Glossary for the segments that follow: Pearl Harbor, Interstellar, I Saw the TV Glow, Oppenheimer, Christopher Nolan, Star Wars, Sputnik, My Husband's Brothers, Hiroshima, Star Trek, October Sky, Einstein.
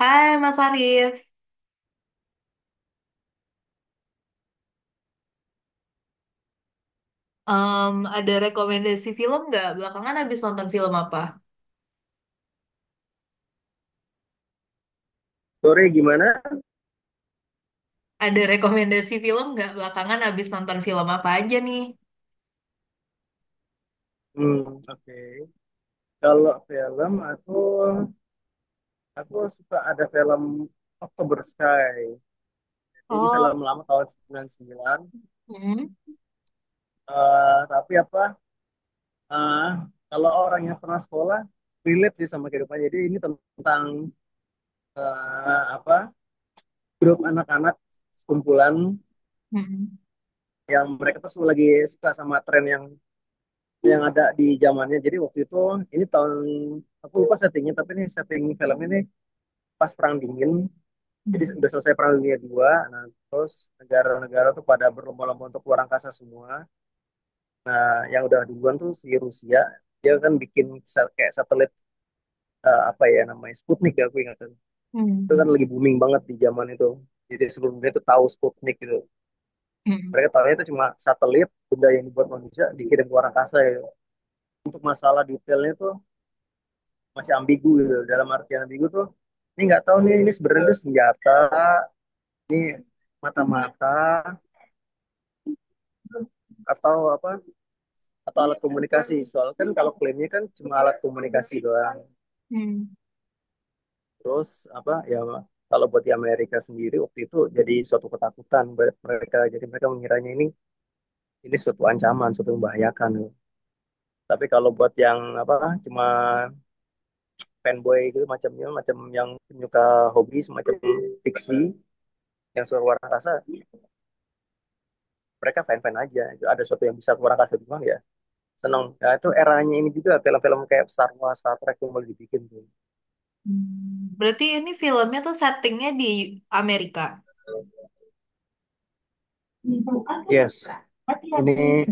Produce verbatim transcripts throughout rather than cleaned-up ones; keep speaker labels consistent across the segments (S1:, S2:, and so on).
S1: Hai Mas Arif. Em, ada rekomendasi film nggak? Belakangan habis nonton film apa?
S2: Sore gimana?
S1: Ada rekomendasi film nggak? Belakangan habis nonton film apa aja nih?
S2: Hmm, oke. Kalau film aku aku suka ada film October Sky. Ini
S1: Oh,
S2: film lama tahun sembilan puluh sembilan.
S1: hmm,
S2: Eh, tapi apa? eh, Kalau orang yang pernah sekolah relate sih sama kehidupan. Jadi ini tentang eh, apa? grup anak-anak, sekumpulan
S1: hmm,
S2: yang mereka tuh semua lagi suka sama tren yang yang ada di zamannya. Jadi waktu itu, ini tahun aku lupa settingnya, tapi ini setting film ini pas perang dingin. Jadi
S1: hmm,
S2: udah selesai perang dunia dua, nah, terus negara-negara tuh pada berlomba-lomba untuk keluar angkasa semua. Nah, yang udah duluan tuh si Rusia. Dia kan bikin kayak satelit, eh, apa ya namanya, Sputnik ya aku ingatan. Itu
S1: hmm,
S2: kan lagi booming banget di zaman itu, jadi seluruh dunia tuh tahu Sputnik gitu.
S1: hmm,
S2: Mereka tahunya itu cuma satelit, benda yang dibuat manusia dikirim ke luar angkasa ya. Untuk masalah detailnya tuh masih ambigu gitu. Dalam artian ambigu tuh, ini nggak tahu nih, ini sebenarnya senjata, ini mata-mata, atau apa, atau alat komunikasi. Soal kan kalau klaimnya kan cuma alat komunikasi doang.
S1: hmm,
S2: Terus apa ya, kalau buat di Amerika sendiri waktu itu jadi suatu ketakutan buat mereka. Jadi mereka mengiranya ini ini suatu ancaman, suatu membahayakan. Tapi kalau buat yang apa, cuma fanboy gitu, macamnya macam yang penyuka hobi, semacam fiksi, yang suka luar angkasa, mereka fan-fan aja. Ada suatu yang bisa luar angkasa doang ya, seneng. Nah, itu eranya ini juga film-film kayak Star Wars, Star Trek yang mulai dibikin tuh.
S1: hmm. Berarti ini filmnya tuh settingnya di Amerika.
S2: Yes, ini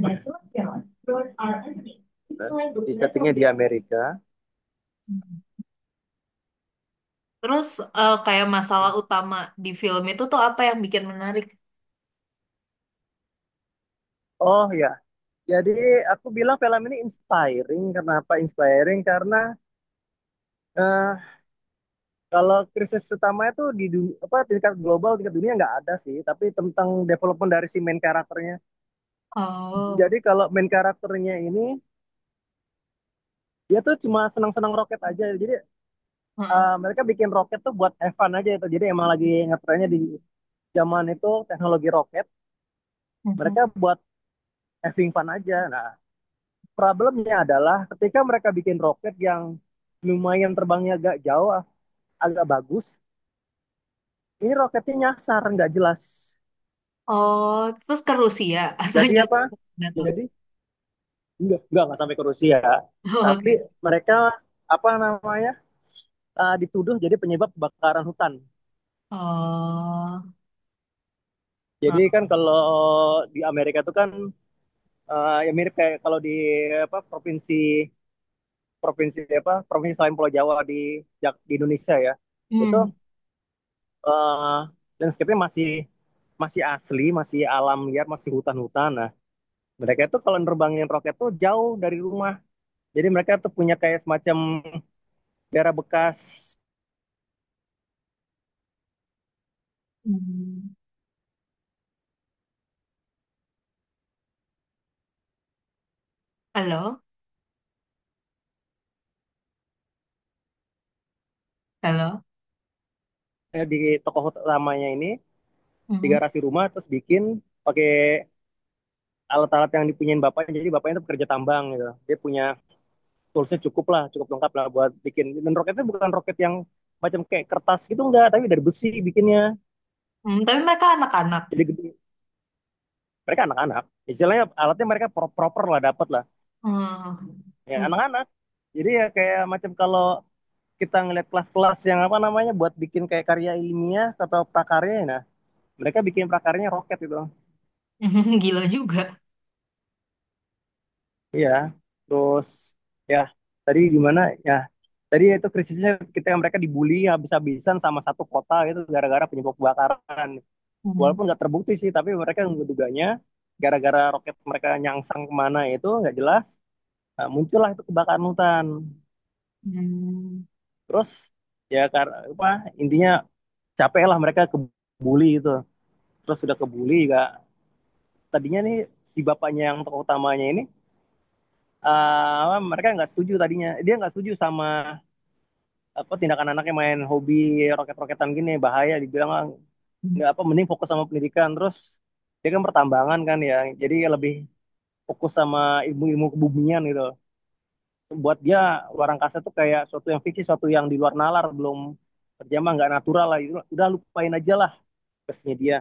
S2: di settingnya di Amerika.
S1: Hmm. Terus eh, kayak masalah utama di film itu tuh apa yang bikin menarik?
S2: Oh ya, jadi aku bilang film ini inspiring. Kenapa inspiring? Karena eh, kalau krisis utama itu di dunia, apa, tingkat global, tingkat dunia nggak ada sih. Tapi tentang development dari si main karakternya.
S1: Oh,
S2: Jadi kalau main karakternya ini, dia tuh cuma senang-senang roket aja. Jadi
S1: heeh.
S2: eh, mereka bikin roket tuh buat Evan aja itu. Jadi emang lagi ngetrennya di zaman itu teknologi roket, mereka buat having fun aja. Nah, problemnya adalah ketika mereka bikin roket yang lumayan, terbangnya agak jauh, agak bagus, ini roketnya nyasar, nggak jelas.
S1: Oh, terus ke Rusia atau
S2: Jadi apa?
S1: jatuh? Jatuh.
S2: Jadi nggak nggak nggak sampai ke Rusia,
S1: Oh,
S2: tapi
S1: oke.
S2: mereka apa namanya, uh, dituduh jadi penyebab kebakaran hutan.
S1: Oh,
S2: Jadi
S1: nah,
S2: kan kalau di Amerika itu kan, uh, ya mirip kayak kalau di apa, provinsi, provinsi apa provinsi selain Pulau Jawa di Jak- di Indonesia ya. Itu
S1: hmm.
S2: eh, landscape-nya masih masih asli, masih alam liar, masih hutan-hutan. Nah, mereka itu kalau nerbangin roket tuh jauh dari rumah. Jadi mereka tuh punya kayak semacam daerah bekas,
S1: Hmm. Halo, halo.
S2: eh, di toko utamanya ini, di
S1: Hmm.
S2: garasi rumah terus bikin pakai alat-alat yang dipunyain bapaknya. Jadi bapaknya itu pekerja tambang gitu. Dia punya toolsnya cukup lah, cukup lengkap lah buat bikin. Dan roketnya bukan roket yang macam kayak kertas gitu enggak, tapi dari besi bikinnya.
S1: Hmm, tapi mereka anak-anak.
S2: Jadi gede. Mereka anak-anak. Istilahnya alatnya mereka proper lah, dapat lah.
S1: Hmm.
S2: Ya
S1: Hmm.
S2: anak-anak, jadi ya kayak macam kalau kita ngeliat kelas-kelas yang apa namanya buat bikin kayak karya ilmiah atau prakarya ya. Nah, mereka bikin prakaryanya roket gitu.
S1: Gila juga.
S2: Iya, terus ya, tadi gimana ya, tadi itu krisisnya ketika mereka dibully habis-habisan sama satu kota gitu gara-gara penyebab kebakaran.
S1: Hmm.
S2: Walaupun nggak terbukti sih, tapi mereka menduganya gara-gara roket mereka nyangsang kemana itu nggak jelas. Nah, muncullah itu kebakaran hutan.
S1: Hmm.
S2: Terus ya, karena apa, intinya capek lah mereka kebuli itu. Terus sudah kebuli juga, tadinya nih si bapaknya yang tokoh utamanya ini, eh, mereka nggak setuju, tadinya dia nggak setuju sama apa, tindakan anaknya main hobi roket-roketan gini bahaya, dibilang, "Ah,
S1: Hmm.
S2: nggak apa, mending fokus sama pendidikan." Terus dia kan pertambangan kan ya, jadi lebih fokus sama ilmu-ilmu kebumian gitu. Buat dia, luar angkasa tuh kayak suatu yang fiksi, suatu yang di luar nalar, belum terjamah, nggak natural lah. Itu- udah lupain aja lah, kesnya dia.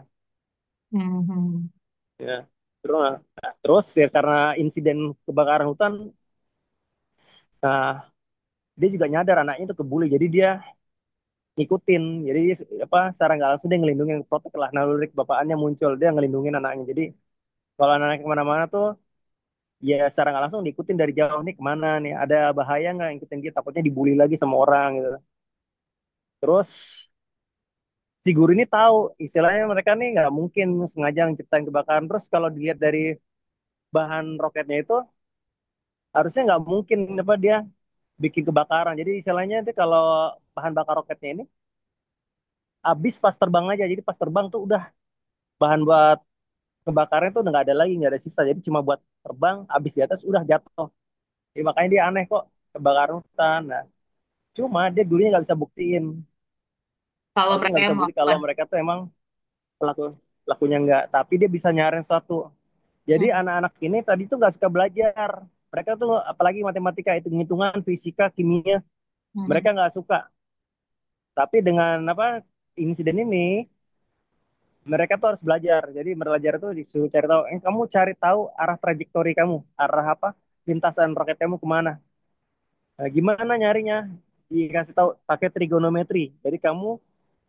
S1: Hmm.
S2: Ya. Terus, nah, terus ya karena insiden kebakaran hutan, nah, dia juga nyadar anaknya itu kebuli, jadi dia ngikutin. Jadi dia, apa, secara nggak langsung dia ngelindungin, protek lah, naluri kebapaannya muncul, dia ngelindungin anaknya. Jadi kalau anaknya kemana-mana tuh ya secara nggak langsung diikutin dari jauh, nih kemana nih, ada bahaya nggak, ngikutin dia, takutnya dibully lagi sama orang gitu. Terus si guru ini tahu istilahnya mereka nih nggak mungkin sengaja menciptain kebakaran. Terus kalau dilihat dari bahan roketnya itu, harusnya nggak mungkin apa dia bikin kebakaran. Jadi istilahnya itu kalau bahan bakar roketnya ini habis pas terbang aja. Jadi pas terbang tuh udah, bahan buat kebakarnya tuh udah nggak ada lagi, nggak ada sisa. Jadi cuma buat terbang, habis di atas udah jatuh. Jadi makanya dia aneh kok kebakaran hutan. Nah, cuma dia dulunya nggak bisa buktiin.
S1: Kalau
S2: Maksudnya
S1: mereka
S2: nggak
S1: yang
S2: bisa bukti kalau
S1: melakukan.
S2: mereka tuh emang pelaku, pelakunya nggak. Tapi dia bisa nyaring suatu. Jadi
S1: Hmm.
S2: anak-anak ini tadi tuh nggak suka belajar. Mereka tuh apalagi matematika, hitung-hitungan, fisika, kimia,
S1: Hmm.
S2: mereka nggak suka. Tapi dengan apa, insiden ini mereka tuh harus belajar. Jadi belajar tuh disuruh cari tahu. Eh, kamu cari tahu arah trajektori kamu, arah apa, lintasan roket kamu kemana. Nah, gimana nyarinya? Dikasih tahu pakai trigonometri. Jadi kamu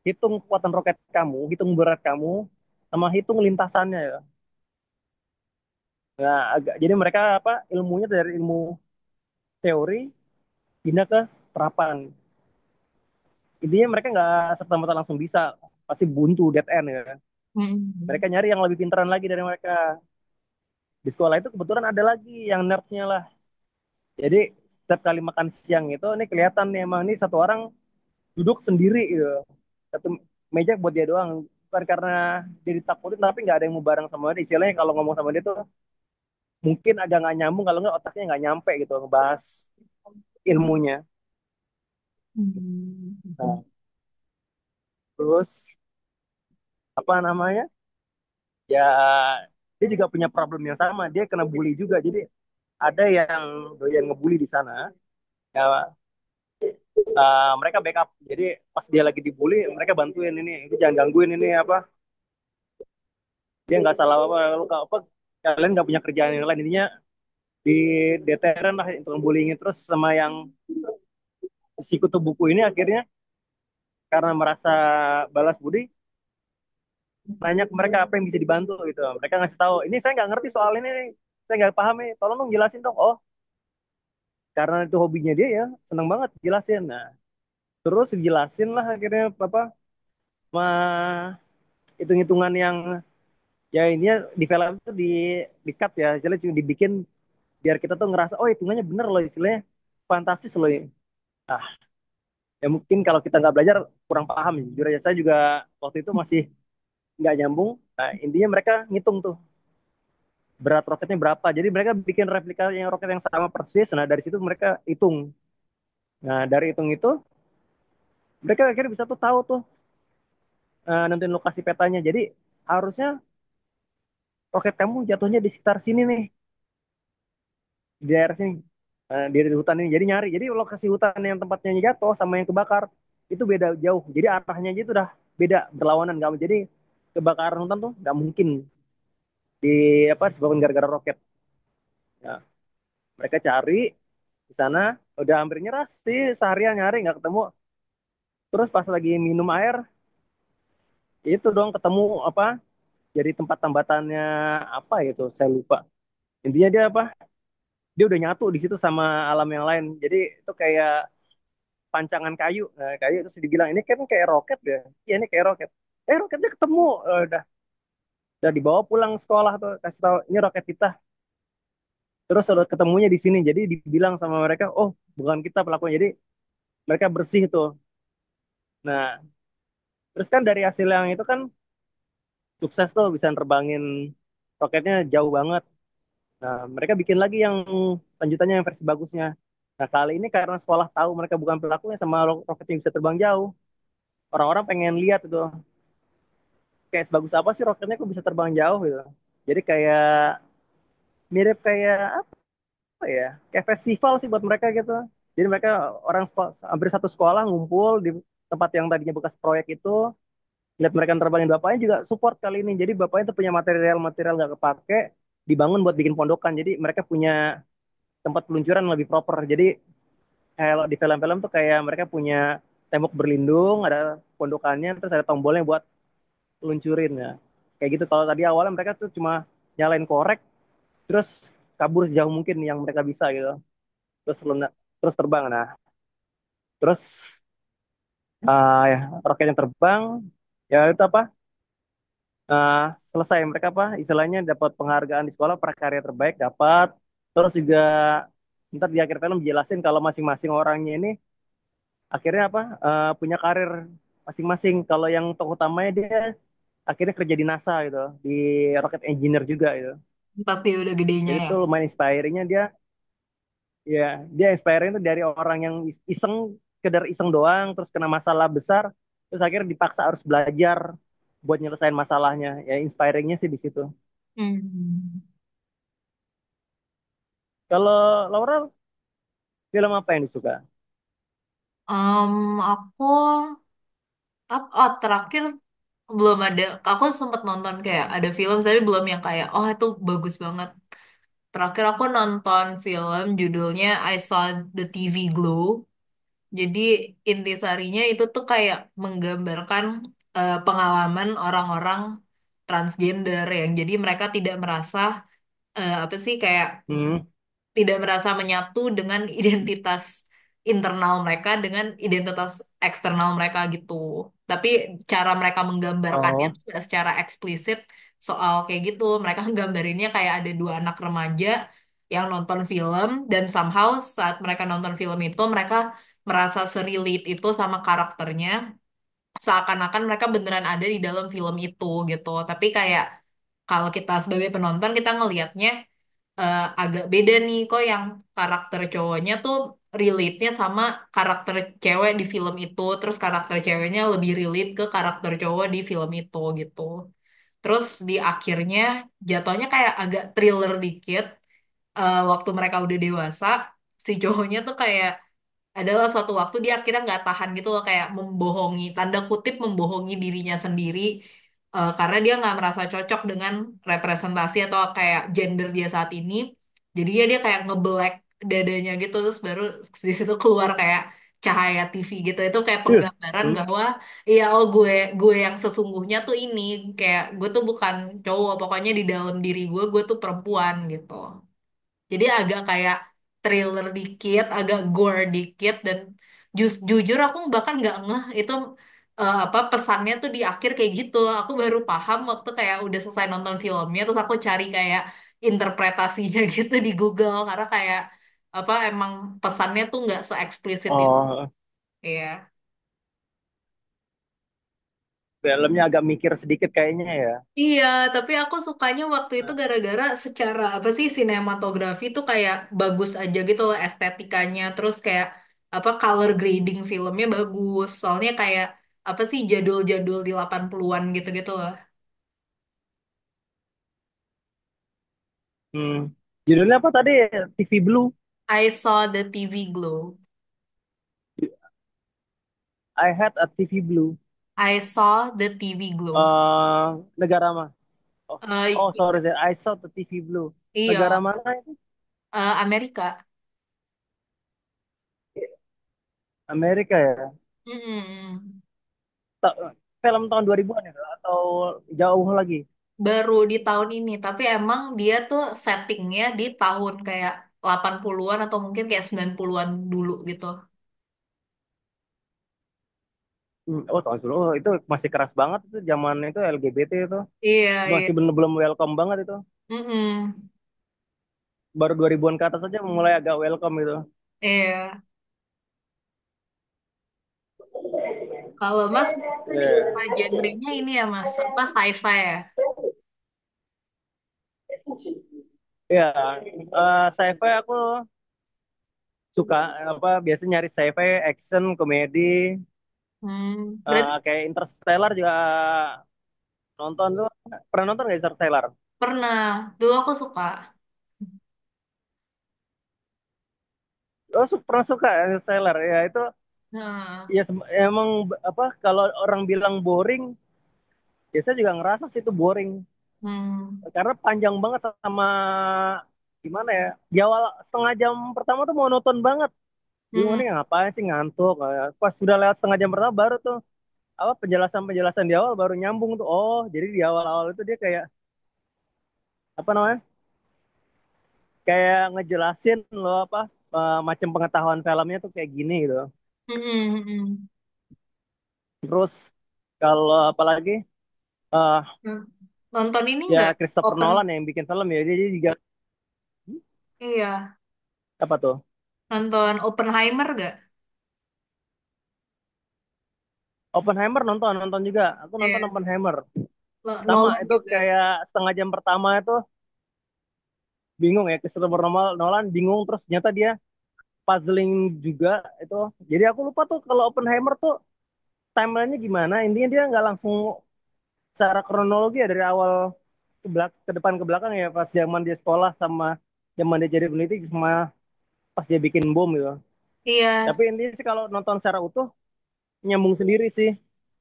S2: hitung kekuatan roket kamu, hitung berat kamu, sama hitung lintasannya ya. Nah, agak, jadi mereka apa, ilmunya dari ilmu teori pindah ke terapan. Intinya mereka nggak serta merta langsung bisa, pasti buntu, dead end ya kan.
S1: Hmm.
S2: Mereka nyari yang lebih pintaran lagi dari mereka. Di sekolah itu kebetulan ada lagi yang nerdnya lah. Jadi setiap kali makan siang itu ini kelihatan nih, emang ini satu orang duduk sendiri gitu, satu meja buat dia doang. Bukan karena dia ditakutin, tapi nggak ada yang mau bareng sama dia. Istilahnya kalau ngomong sama dia tuh mungkin agak nggak nyambung, kalau nggak otaknya nggak nyampe gitu ngebahas ilmunya.
S1: Hmm.
S2: Nah, terus apa namanya, ya, dia juga punya problem yang sama, dia kena bully juga. Jadi ada yang doyan ngebully di sana ya. Uh, mereka backup. Jadi pas dia lagi dibully, mereka bantuin, ini itu jangan gangguin ini apa, dia nggak salah apa, lu nggak apa, kalian nggak punya kerjaan yang lain, intinya di deteren lah itu bullying. Terus sama yang si kutu buku ini, akhirnya karena merasa balas budi, nanya ke mereka apa yang bisa dibantu gitu. Mereka ngasih tahu, ini saya nggak ngerti soal ini nih, saya nggak paham nih, tolong dong jelasin dong. Oh, karena itu hobinya dia ya, seneng banget jelasin. Nah, terus jelasin lah akhirnya apa, mah hitung-hitungan yang ya ini ya, di film itu di di cut ya. Jadi dibikin biar kita tuh ngerasa, oh hitungannya bener loh, istilahnya fantastis loh ya. Nah, ya mungkin kalau kita nggak belajar kurang paham ya. Jujur aja saya juga waktu itu masih nggak nyambung. Nah, intinya mereka ngitung tuh berat roketnya berapa. Jadi mereka bikin replika yang roket yang sama persis, nah dari situ mereka hitung. Nah, dari hitung itu mereka akhirnya bisa tuh tahu tuh, uh, nentuin lokasi petanya. Jadi harusnya roket kamu jatuhnya di sekitar sini nih, di daerah sini, eh, di di hutan ini. Jadi nyari, jadi lokasi hutan yang tempatnya jatuh sama yang kebakar itu beda jauh. Jadi arahnya aja itu udah beda, berlawanan. Nggak, jadi kebakaran hutan tuh nggak mungkin di apa, disebabkan gara-gara roket. Ya, mereka cari di sana udah hampir nyerah sih, seharian nyari nggak ketemu. Terus pas lagi minum air, ya itu dong ketemu apa, jadi tempat tambatannya apa gitu, saya lupa. Intinya dia apa, dia udah nyatu di situ sama alam yang lain. Jadi itu kayak pancangan kayu. Nah, kayu terus dibilang, ini kan kayak roket ya. Iya ini kayak roket. Eh, roketnya ketemu. Eh, udah udah dibawa pulang, sekolah tuh kasih tahu ini roket kita. Terus udah ketemunya di sini. Jadi dibilang sama mereka, "Oh, bukan kita pelakunya." Jadi mereka bersih tuh. Nah, terus kan dari hasil yang itu kan sukses tuh bisa nerbangin roketnya jauh banget. Nah, mereka bikin lagi yang lanjutannya, yang versi bagusnya. Nah, kali ini karena sekolah tahu mereka bukan pelakunya sama ro- roket yang bisa terbang jauh, orang-orang pengen lihat itu kayak sebagus apa sih roketnya kok bisa terbang jauh gitu. Jadi kayak mirip kayak apa ya? Kayak festival sih buat mereka gitu. Jadi mereka orang sekol-, hampir satu sekolah ngumpul di tempat yang tadinya bekas proyek itu, lihat mereka terbangin. Bapaknya juga support kali ini. Jadi bapaknya tuh punya material-material nggak kepake, dibangun buat bikin pondokan. Jadi mereka punya tempat peluncuran lebih proper. Jadi kalau di film-film tuh kayak mereka punya tembok berlindung, ada pondokannya, terus ada tombolnya buat luncurin ya. Kayak gitu. Kalau tadi awalnya mereka tuh cuma nyalain korek terus kabur sejauh mungkin yang mereka bisa gitu. Terus luna, terus terbang. Nah, terus uh, ya, roketnya terbang ya itu apa? Uh, Selesai mereka apa istilahnya dapat penghargaan di sekolah, prakarya terbaik dapat, terus juga ntar di akhir film jelasin kalau masing-masing orangnya ini akhirnya apa uh, punya karir masing-masing. Kalau yang tokoh utamanya, dia akhirnya kerja di NASA gitu, di rocket engineer juga gitu.
S1: Pasti udah gedenya
S2: Jadi
S1: ya.
S2: tuh lumayan inspiringnya dia. Ya, dia inspiring tuh dari orang yang iseng, kedar iseng doang, terus kena masalah besar, terus akhirnya dipaksa harus belajar buat nyelesain masalahnya. Ya, inspiringnya sih di situ.
S1: Hmm.
S2: Kalau Laura, film apa yang disuka?
S1: um, aku ap- oh, terakhir belum ada. Aku sempat nonton kayak ada film tapi belum yang kayak oh itu bagus banget. Terakhir aku nonton film judulnya I Saw the T V Glow. Jadi intisarinya itu tuh kayak menggambarkan eh, pengalaman orang-orang transgender yang jadi mereka tidak merasa eh, apa sih kayak
S2: Hmm.
S1: tidak merasa menyatu dengan identitas internal mereka dengan identitas eksternal mereka gitu. Tapi cara mereka menggambarkannya
S2: Oh.
S1: tuh nggak secara eksplisit soal kayak gitu. Mereka nggambarinnya kayak ada dua anak remaja yang nonton film dan somehow saat mereka nonton film itu mereka merasa serelate itu sama karakternya seakan-akan mereka beneran ada di dalam film itu gitu. Tapi kayak kalau kita sebagai penonton kita ngelihatnya eh, agak beda nih kok yang karakter cowoknya tuh relate-nya sama karakter cewek di film itu, terus karakter ceweknya lebih relate ke karakter cowok di film itu gitu. Terus di akhirnya jatuhnya kayak agak thriller dikit, eh, waktu mereka udah dewasa si cowoknya tuh kayak adalah suatu waktu dia akhirnya nggak tahan gitu loh, kayak membohongi tanda kutip membohongi dirinya sendiri, eh, karena dia nggak merasa cocok dengan representasi atau kayak gender dia saat ini, jadinya dia dia kayak ngebelek dadanya gitu, terus baru di situ keluar kayak cahaya T V gitu. Itu kayak
S2: Ih.
S1: penggambaran
S2: Hmm.
S1: bahwa iya, oh, gue gue yang sesungguhnya tuh ini, kayak gue tuh bukan cowok, pokoknya di dalam diri gue gue tuh perempuan gitu. Jadi agak kayak thriller dikit, agak gore dikit, dan ju- jujur aku bahkan nggak ngeh itu eh, apa pesannya tuh di akhir kayak gitu. Aku baru paham waktu kayak udah selesai nonton filmnya, terus aku cari kayak interpretasinya gitu di Google karena kayak apa emang pesannya tuh nggak se-eksplisit itu.
S2: Oh,
S1: Iya.
S2: filmnya agak mikir sedikit kayaknya ya.
S1: Iya, tapi aku sukanya waktu itu
S2: Nah.
S1: gara-gara secara apa sih sinematografi tuh kayak bagus aja gitu loh estetikanya, terus kayak apa color grading filmnya bagus. Soalnya kayak apa sih jadul-jadul di delapan puluhan-an gitu-gitu loh.
S2: Hmm. Judulnya apa tadi? T V Blue?
S1: I saw the T V glow.
S2: I had a T V Blue.
S1: I saw the T V glow.
S2: eh Negara. Oh.
S1: Eh,
S2: Oh
S1: i-
S2: sorry, saya I saw the T V Blue. Negara
S1: iya,
S2: mana itu?
S1: eh, Amerika.
S2: Amerika ya?
S1: Mm-mm.
S2: Ta- Film tahun dua ribuan-an ya? Atau jauh lagi?
S1: Baru di tahun ini, tapi emang dia tuh settingnya di tahun kayak delapan puluhan-an atau mungkin kayak sembilan puluhan-an dulu gitu.
S2: Hmm. Oh, tahun sebelum. Oh, itu masih keras banget itu zaman itu L G B T itu.
S1: Iya,
S2: Masih
S1: iya.
S2: belum belum welcome banget itu.
S1: Mm-mm.
S2: Baru dua ribuan-an ke atas aja mulai agak welcome gitu.
S1: Iya. Kalau Mas berarti tadi apa
S2: Iya.
S1: genrenya ini ya Mas? Apa sci-fi ya?
S2: Iya, eh sci-fi aku suka, apa biasanya nyari sci-fi, action, komedi,
S1: Hmm.
S2: eh,
S1: Berarti
S2: kayak Interstellar juga. Nonton tuh Pernah nonton nggak Interstellar?
S1: pernah. Dulu aku suka.
S2: Oh, su- pernah suka Interstellar ya itu.
S1: Nah,
S2: Ya, sem- emang b- apa kalau orang bilang boring, ya saya juga ngerasa sih itu boring,
S1: hmm.
S2: karena panjang banget sama gimana ya? Di awal setengah jam pertama tuh monoton banget. Bingung
S1: Mm-mm.
S2: nih ngapain sih, ngantuk. Eh, Pas sudah lewat setengah jam pertama baru tuh apa penjelasan-penjelasan di awal baru nyambung tuh. Oh, jadi di awal-awal itu dia kayak apa namanya? Kayak ngejelasin loh apa eh, macam pengetahuan filmnya tuh kayak gini gitu.
S1: Mm-mm. Mm-mm.
S2: Terus kalau apalagi eh
S1: Mm. Nonton ini nggak?
S2: ya Christopher
S1: Open.
S2: Nolan yang bikin film ya, dia dia juga
S1: Iya.
S2: apa tuh
S1: Nonton Oppenheimer nggak?
S2: Oppenheimer. Nonton nonton juga, aku nonton
S1: Iya.
S2: Oppenheimer.
S1: Lo-
S2: Sama
S1: Nolan
S2: itu
S1: juga.
S2: kayak setengah jam pertama itu bingung ya, Christopher Nolan Nolan bingung, terus ternyata dia puzzling juga itu. Jadi aku lupa tuh, kalau Oppenheimer tuh timelinenya gimana, intinya dia nggak langsung secara kronologi ya, dari awal ke belak ke depan ke belakang ya, pas zaman dia sekolah, sama zaman dia jadi peneliti, sama pas dia bikin bom gitu.
S1: Iya.
S2: Tapi intinya sih kalau nonton secara utuh, nyambung sendiri sih,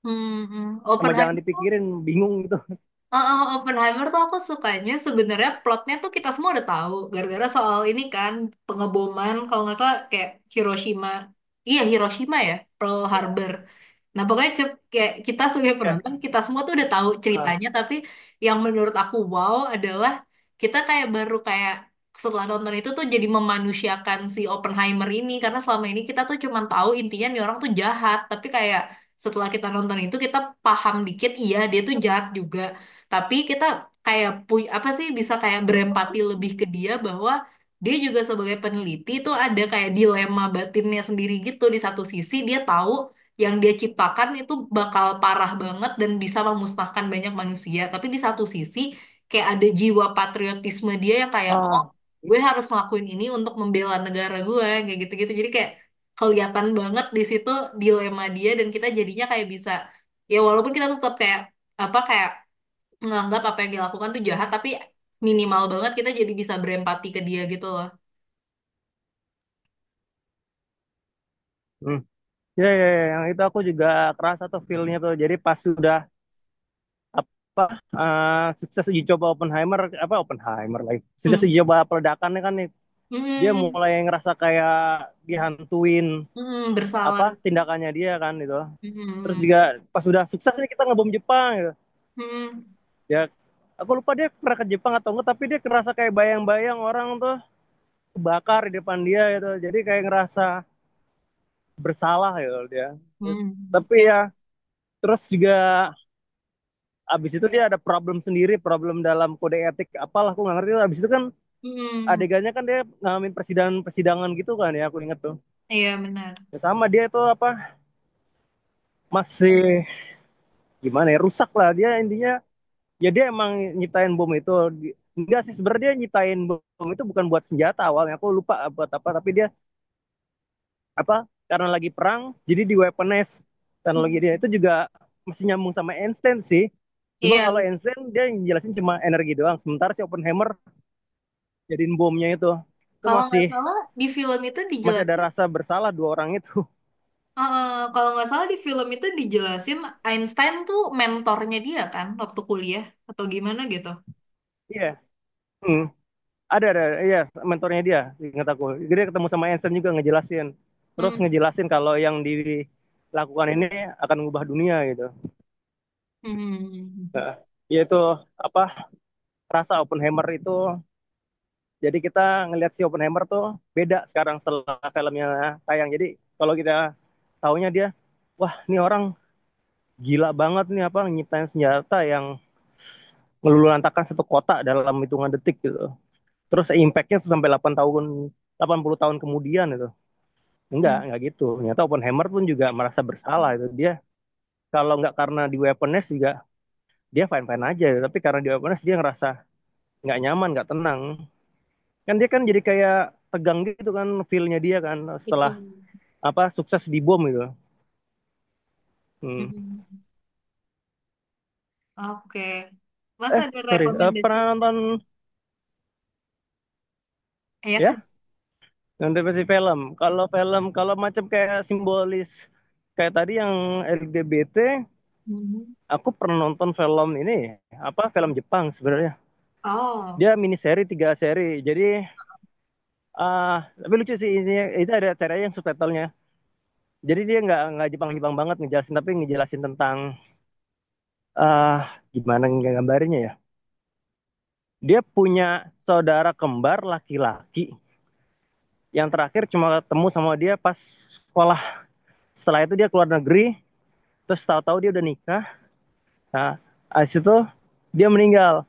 S1: Hmm. Mm.
S2: sama jangan
S1: Oppenheimer.
S2: dipikirin bingung gitu
S1: Oh, oh, Oppenheimer tuh aku sukanya sebenarnya plotnya tuh kita semua udah tahu gara-gara soal ini kan, pengeboman kalau nggak salah kayak Hiroshima, iya Hiroshima ya, Pearl Harbor. Nah pokoknya cep- kayak kita sebagai penonton kita semua tuh udah tahu
S2: Ah.
S1: ceritanya, tapi yang menurut aku wow adalah kita kayak baru kayak setelah nonton itu tuh jadi memanusiakan si Oppenheimer ini, karena selama ini kita tuh cuma tahu intinya nih orang tuh jahat, tapi kayak setelah kita nonton itu kita paham dikit iya dia tuh jahat juga, tapi kita kayak punya apa sih bisa kayak berempati lebih ke dia bahwa dia juga sebagai peneliti itu ada kayak dilema batinnya sendiri gitu. Di satu sisi dia tahu yang dia ciptakan itu bakal parah banget dan bisa memusnahkan banyak manusia. Tapi di satu sisi kayak ada jiwa patriotisme dia yang kayak oh,
S2: Ah.
S1: gue harus ngelakuin ini untuk membela negara gue kayak gitu-gitu. Jadi kayak kelihatan banget di situ dilema dia, dan kita jadinya kayak bisa, ya walaupun kita tetap kayak apa kayak nganggap apa yang dilakukan tuh jahat, tapi minimal banget kita jadi bisa berempati ke dia gitu loh.
S2: Hmm. Ya, ya, ya, yang itu aku juga kerasa tuh feel-nya tuh. Jadi pas sudah apa eh, sukses uji coba Oppenheimer, apa Oppenheimer lagi sukses
S1: Hmm.
S2: uji coba peledakannya kan nih, dia
S1: Hmm.
S2: mulai ngerasa kayak dihantuin
S1: Hmm, bersalah.
S2: apa tindakannya dia kan gitu. Terus
S1: Hmm.
S2: juga pas sudah sukses nih kita ngebom Jepang gitu,
S1: Hmm.
S2: ya aku lupa dia pernah ke Jepang atau enggak, tapi dia ngerasa kayak bayang-bayang orang tuh kebakar di depan dia gitu, jadi kayak ngerasa bersalah gitu dia.
S1: Hmm.
S2: Tapi ya,
S1: Ya.
S2: terus juga abis itu dia ada problem sendiri, problem dalam kode etik apalah aku nggak ngerti. Abis itu kan
S1: Hmm.
S2: adegannya kan dia ngalamin persidangan persidangan gitu kan ya, aku inget tuh.
S1: Iya benar.
S2: Ya sama dia itu apa masih gimana ya, rusak lah dia intinya. Ya dia emang nyiptain bom itu. Enggak sih, sebenarnya dia nyiptain bom itu bukan buat senjata awalnya, aku lupa buat apa, tapi dia apa karena lagi perang, jadi di weaponize teknologi dia
S1: Hmm.
S2: itu juga. Masih nyambung sama Einstein sih, cuma
S1: Iya,
S2: kalau Einstein dia jelasin cuma energi doang, sementara si Oppenheimer jadiin bomnya itu itu
S1: kalau
S2: masih
S1: nggak salah di film itu
S2: masih ada
S1: dijelasin,
S2: rasa bersalah dua orang itu.
S1: eh, kalau nggak salah di film itu dijelasin Einstein tuh mentornya dia kan waktu kuliah atau gimana gitu.
S2: Iya yeah. Hmm. ada ada iya, mentornya dia. Ingat aku, jadi dia ketemu sama Einstein juga ngejelasin, terus
S1: Hmm.
S2: ngejelasin kalau yang dilakukan ini akan mengubah dunia gitu.
S1: Hmm.
S2: Nah, yaitu apa rasa Oppenheimer itu. Jadi kita ngelihat si Oppenheimer tuh beda sekarang setelah filmnya tayang. Jadi kalau kita taunya dia, wah ini orang gila banget nih, apa nyiptain senjata yang ngelululantakan satu kota dalam hitungan detik gitu. Terus impactnya sampai delapan tahun, delapan puluh tahun kemudian itu. Enggak,
S1: Hmm.
S2: enggak gitu. Ternyata Oppenheimer pun juga merasa bersalah itu. Dia kalau nggak karena di weaponize juga, dia fine-fine aja. Tapi karena di weaponize dia ngerasa nggak nyaman, nggak tenang. Kan dia kan jadi kayak tegang gitu kan feel-nya dia kan
S1: Itu.
S2: setelah apa sukses di bom gitu. Hmm.
S1: Hmm. Oke. Mas
S2: Eh
S1: ada
S2: sorry, eh, pernah
S1: rekomendasi?
S2: nonton?
S1: Ya.
S2: Ya, nonton versi film. Kalau film, kalau macam kayak simbolis kayak tadi yang L G B T,
S1: Mhm.
S2: aku pernah nonton film ini apa film Jepang sebenarnya.
S1: Oh,
S2: Dia mini seri tiga seri. Jadi ah tapi lucu sih ini, itu ada cara yang subtitlenya. Jadi dia nggak nggak Jepang-Jepang banget ngejelasin, tapi ngejelasin tentang ah gimana, nggak gambarnya ya. Dia punya saudara kembar laki-laki yang terakhir cuma ketemu sama dia pas sekolah, setelah itu dia keluar negeri, terus tahu-tahu dia udah nikah. Nah abis itu dia meninggal.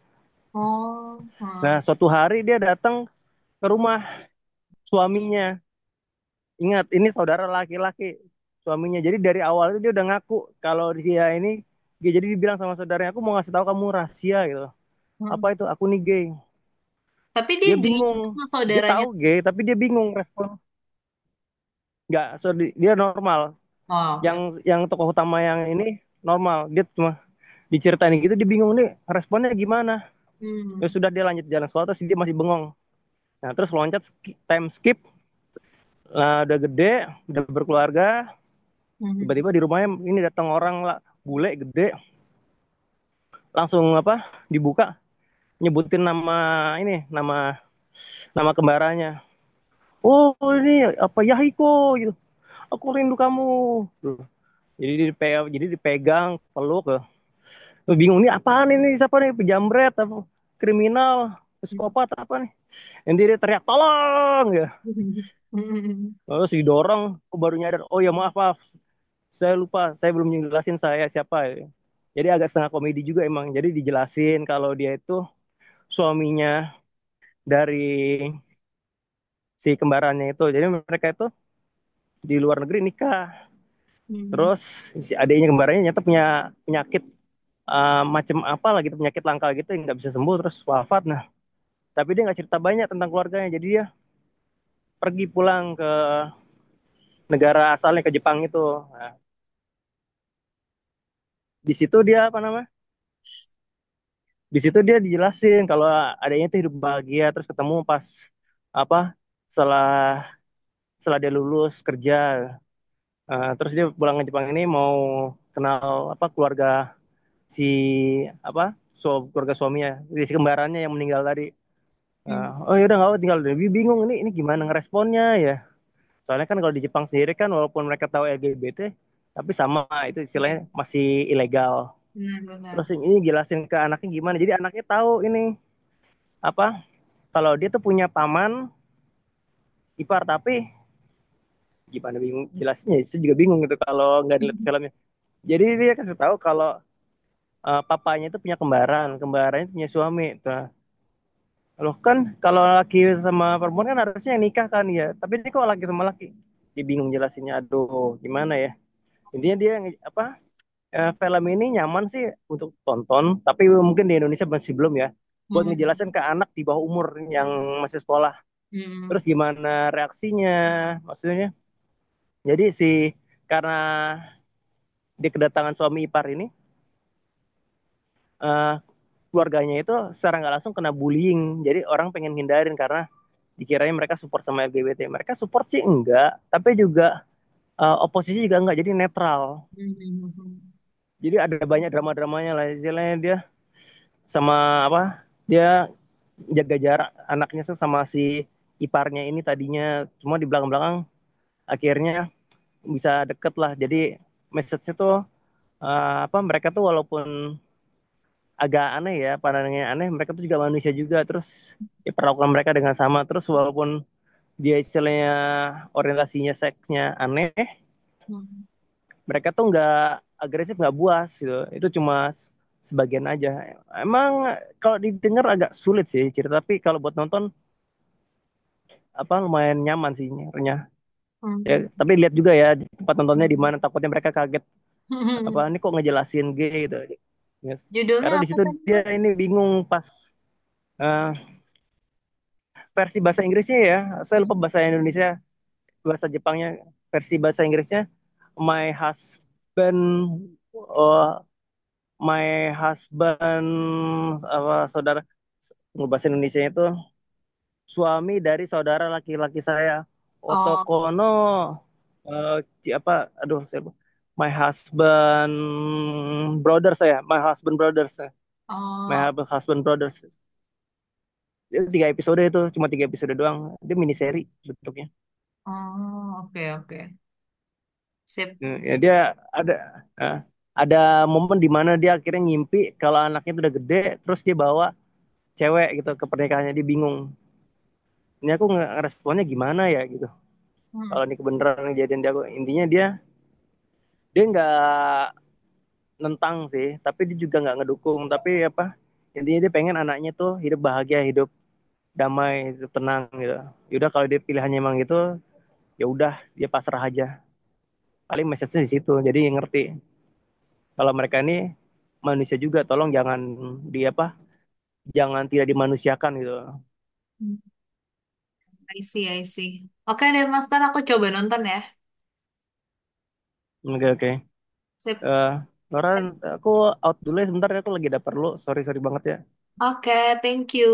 S1: oh, hmm,
S2: Nah, suatu hari dia datang ke rumah suaminya, ingat ini saudara laki-laki suaminya. Jadi dari awal itu dia udah ngaku kalau dia ini gay, jadi dibilang sama saudaranya, aku mau ngasih tahu kamu rahasia gitu, apa
S1: hmm.
S2: itu, aku nih gay.
S1: Tapi dia
S2: Dia
S1: gaynya
S2: bingung,
S1: sama
S2: dia
S1: saudaranya.
S2: tahu gay tapi dia bingung respon nggak, so, dia normal.
S1: Oh,
S2: yang
S1: oke.
S2: yang tokoh utama yang ini normal, dia cuma diceritain gitu, dia bingung nih responnya gimana. Ya
S1: Hmm,
S2: sudah dia lanjut jalan, suatu sih dia masih bengong. Nah terus loncat, time skip lah udah gede, udah berkeluarga.
S1: hmm,
S2: Tiba-tiba di rumahnya ini datang orang lah, bule gede, langsung apa dibuka, nyebutin nama ini nama, nama kembarannya, oh ini apa Yahiko gitu, aku rindu kamu, jadi dipegang, jadi dipegang peluk. Lu bingung nih apaan ini, siapa nih, pejamret apa, kriminal, psikopat apa nih, yang dia teriak tolong ya.
S1: hmm, hmm,
S2: Terus didorong, aku baru nyadar, oh ya maaf maaf, saya lupa, saya belum jelasin saya siapa ya. Jadi agak setengah komedi juga emang. Jadi dijelasin kalau dia itu suaminya dari si kembarannya itu, jadi mereka itu di luar negeri nikah.
S1: hmm,
S2: Terus si adiknya kembarannya nyata punya penyakit, uh, macam apa lah gitu, penyakit langka gitu yang nggak bisa sembuh, terus wafat. Nah tapi dia nggak cerita banyak tentang keluarganya, jadi dia pergi pulang ke negara asalnya, ke Jepang itu. Nah, di situ dia apa nama? Di situ dia dijelasin kalau adanya itu hidup bahagia, terus ketemu pas apa setelah setelah dia lulus kerja. Eh, terus dia pulang ke Jepang ini mau kenal apa keluarga si apa, su- keluarga suaminya, jadi si kembarannya yang meninggal tadi. Eh,
S1: hmm.
S2: oh ya udah nggak apa, tinggal lebih bingung ini ini gimana ngeresponnya ya. Soalnya kan kalau di Jepang sendiri kan walaupun mereka tahu L G B T, tapi sama itu
S1: Iya,
S2: istilahnya masih ilegal. Terus
S1: benar-benar.
S2: ini jelasin ke anaknya gimana, jadi anaknya tahu ini apa, kalau dia tuh punya paman ipar. Tapi gimana bingung jelasnya, saya juga bingung gitu kalau nggak dilihat
S1: Hmm,
S2: filmnya. Jadi dia kasih tahu kalau eh, papanya itu punya kembaran, kembarannya punya suami. Nah, loh kan kalau laki sama perempuan kan harusnya yang nikah kan ya, tapi ini kok laki sama laki. Dia bingung jelasinnya, aduh gimana ya. Intinya dia apa, eh, film ini nyaman sih untuk tonton, tapi mungkin di Indonesia masih belum ya, buat
S1: hmm,
S2: ngejelasin ke anak di bawah umur yang masih sekolah. Terus
S1: hmm,
S2: gimana reaksinya, maksudnya, jadi si karena di kedatangan suami ipar ini, eh, keluarganya itu secara nggak langsung kena bullying, jadi orang pengen hindarin karena dikiranya mereka support sama L G B T. Mereka support sih enggak, tapi juga eh, oposisi juga enggak, jadi netral.
S1: hmm,
S2: Jadi ada banyak drama-dramanya lah, istilahnya dia sama apa dia jaga jarak anaknya tuh sama si iparnya ini tadinya, cuma di belakang-belakang akhirnya bisa deket lah. Jadi message-nya tuh eh, apa, mereka tuh walaupun agak aneh ya pandangannya aneh, mereka tuh juga manusia juga, terus ya perlakukan mereka dengan sama terus. Walaupun dia istilahnya orientasinya seksnya aneh,
S1: hmm, hmm.
S2: mereka tuh nggak agresif, nggak buas gitu, itu cuma sebagian aja emang. Kalau didengar agak sulit sih cerita, tapi kalau buat nonton apa lumayan nyaman sih nyernya. Ya,
S1: Hmm.
S2: tapi lihat juga ya tempat nontonnya di mana, takutnya mereka kaget, apa ini kok ngejelasin G gitu ya.
S1: Judulnya
S2: Karena di
S1: apa
S2: situ
S1: tadi,
S2: dia
S1: Mas?
S2: ini bingung pas uh, versi bahasa Inggrisnya ya, saya lupa bahasa Indonesia, bahasa Jepangnya. Versi bahasa Inggrisnya my husband, uh, my husband, apa saudara, bahasa Indonesia itu suami dari saudara laki-laki saya,
S1: Oh,
S2: Otokono, uh, apa, aduh saya lupa. My husband brothers, saya my husband brothers ya. My
S1: oh,
S2: husband brothers. Itu tiga episode, itu cuma tiga episode doang, dia mini seri bentuknya.
S1: oh, oke, oke. Sip.
S2: Eh, ya dia ada, eh, ada momen di mana dia akhirnya ngimpi kalau anaknya itu udah gede, terus dia bawa cewek gitu ke pernikahannya, dia bingung. Ini aku nge- ngeresponnya gimana ya gitu.
S1: Hmm.
S2: Kalau ini kebenaran kejadian dia, aku intinya dia dia nggak nentang sih, tapi dia juga nggak ngedukung. Tapi apa intinya, dia pengen anaknya tuh hidup bahagia, hidup damai, hidup tenang gitu. Yaudah kalau dia pilihannya emang gitu, ya udah dia pasrah aja. Paling message-nya di situ. Jadi ngerti kalau mereka ini manusia juga, tolong jangan di apa, jangan tidak dimanusiakan gitu.
S1: I see, I see. Oke deh, Mas. Ntar aku coba nonton ya.
S2: Oke oke.
S1: Sip.
S2: Eh, Loren, aku out dulu ya sebentar ya, aku lagi ada perlu, sorry sorry banget ya
S1: Oke, thank you.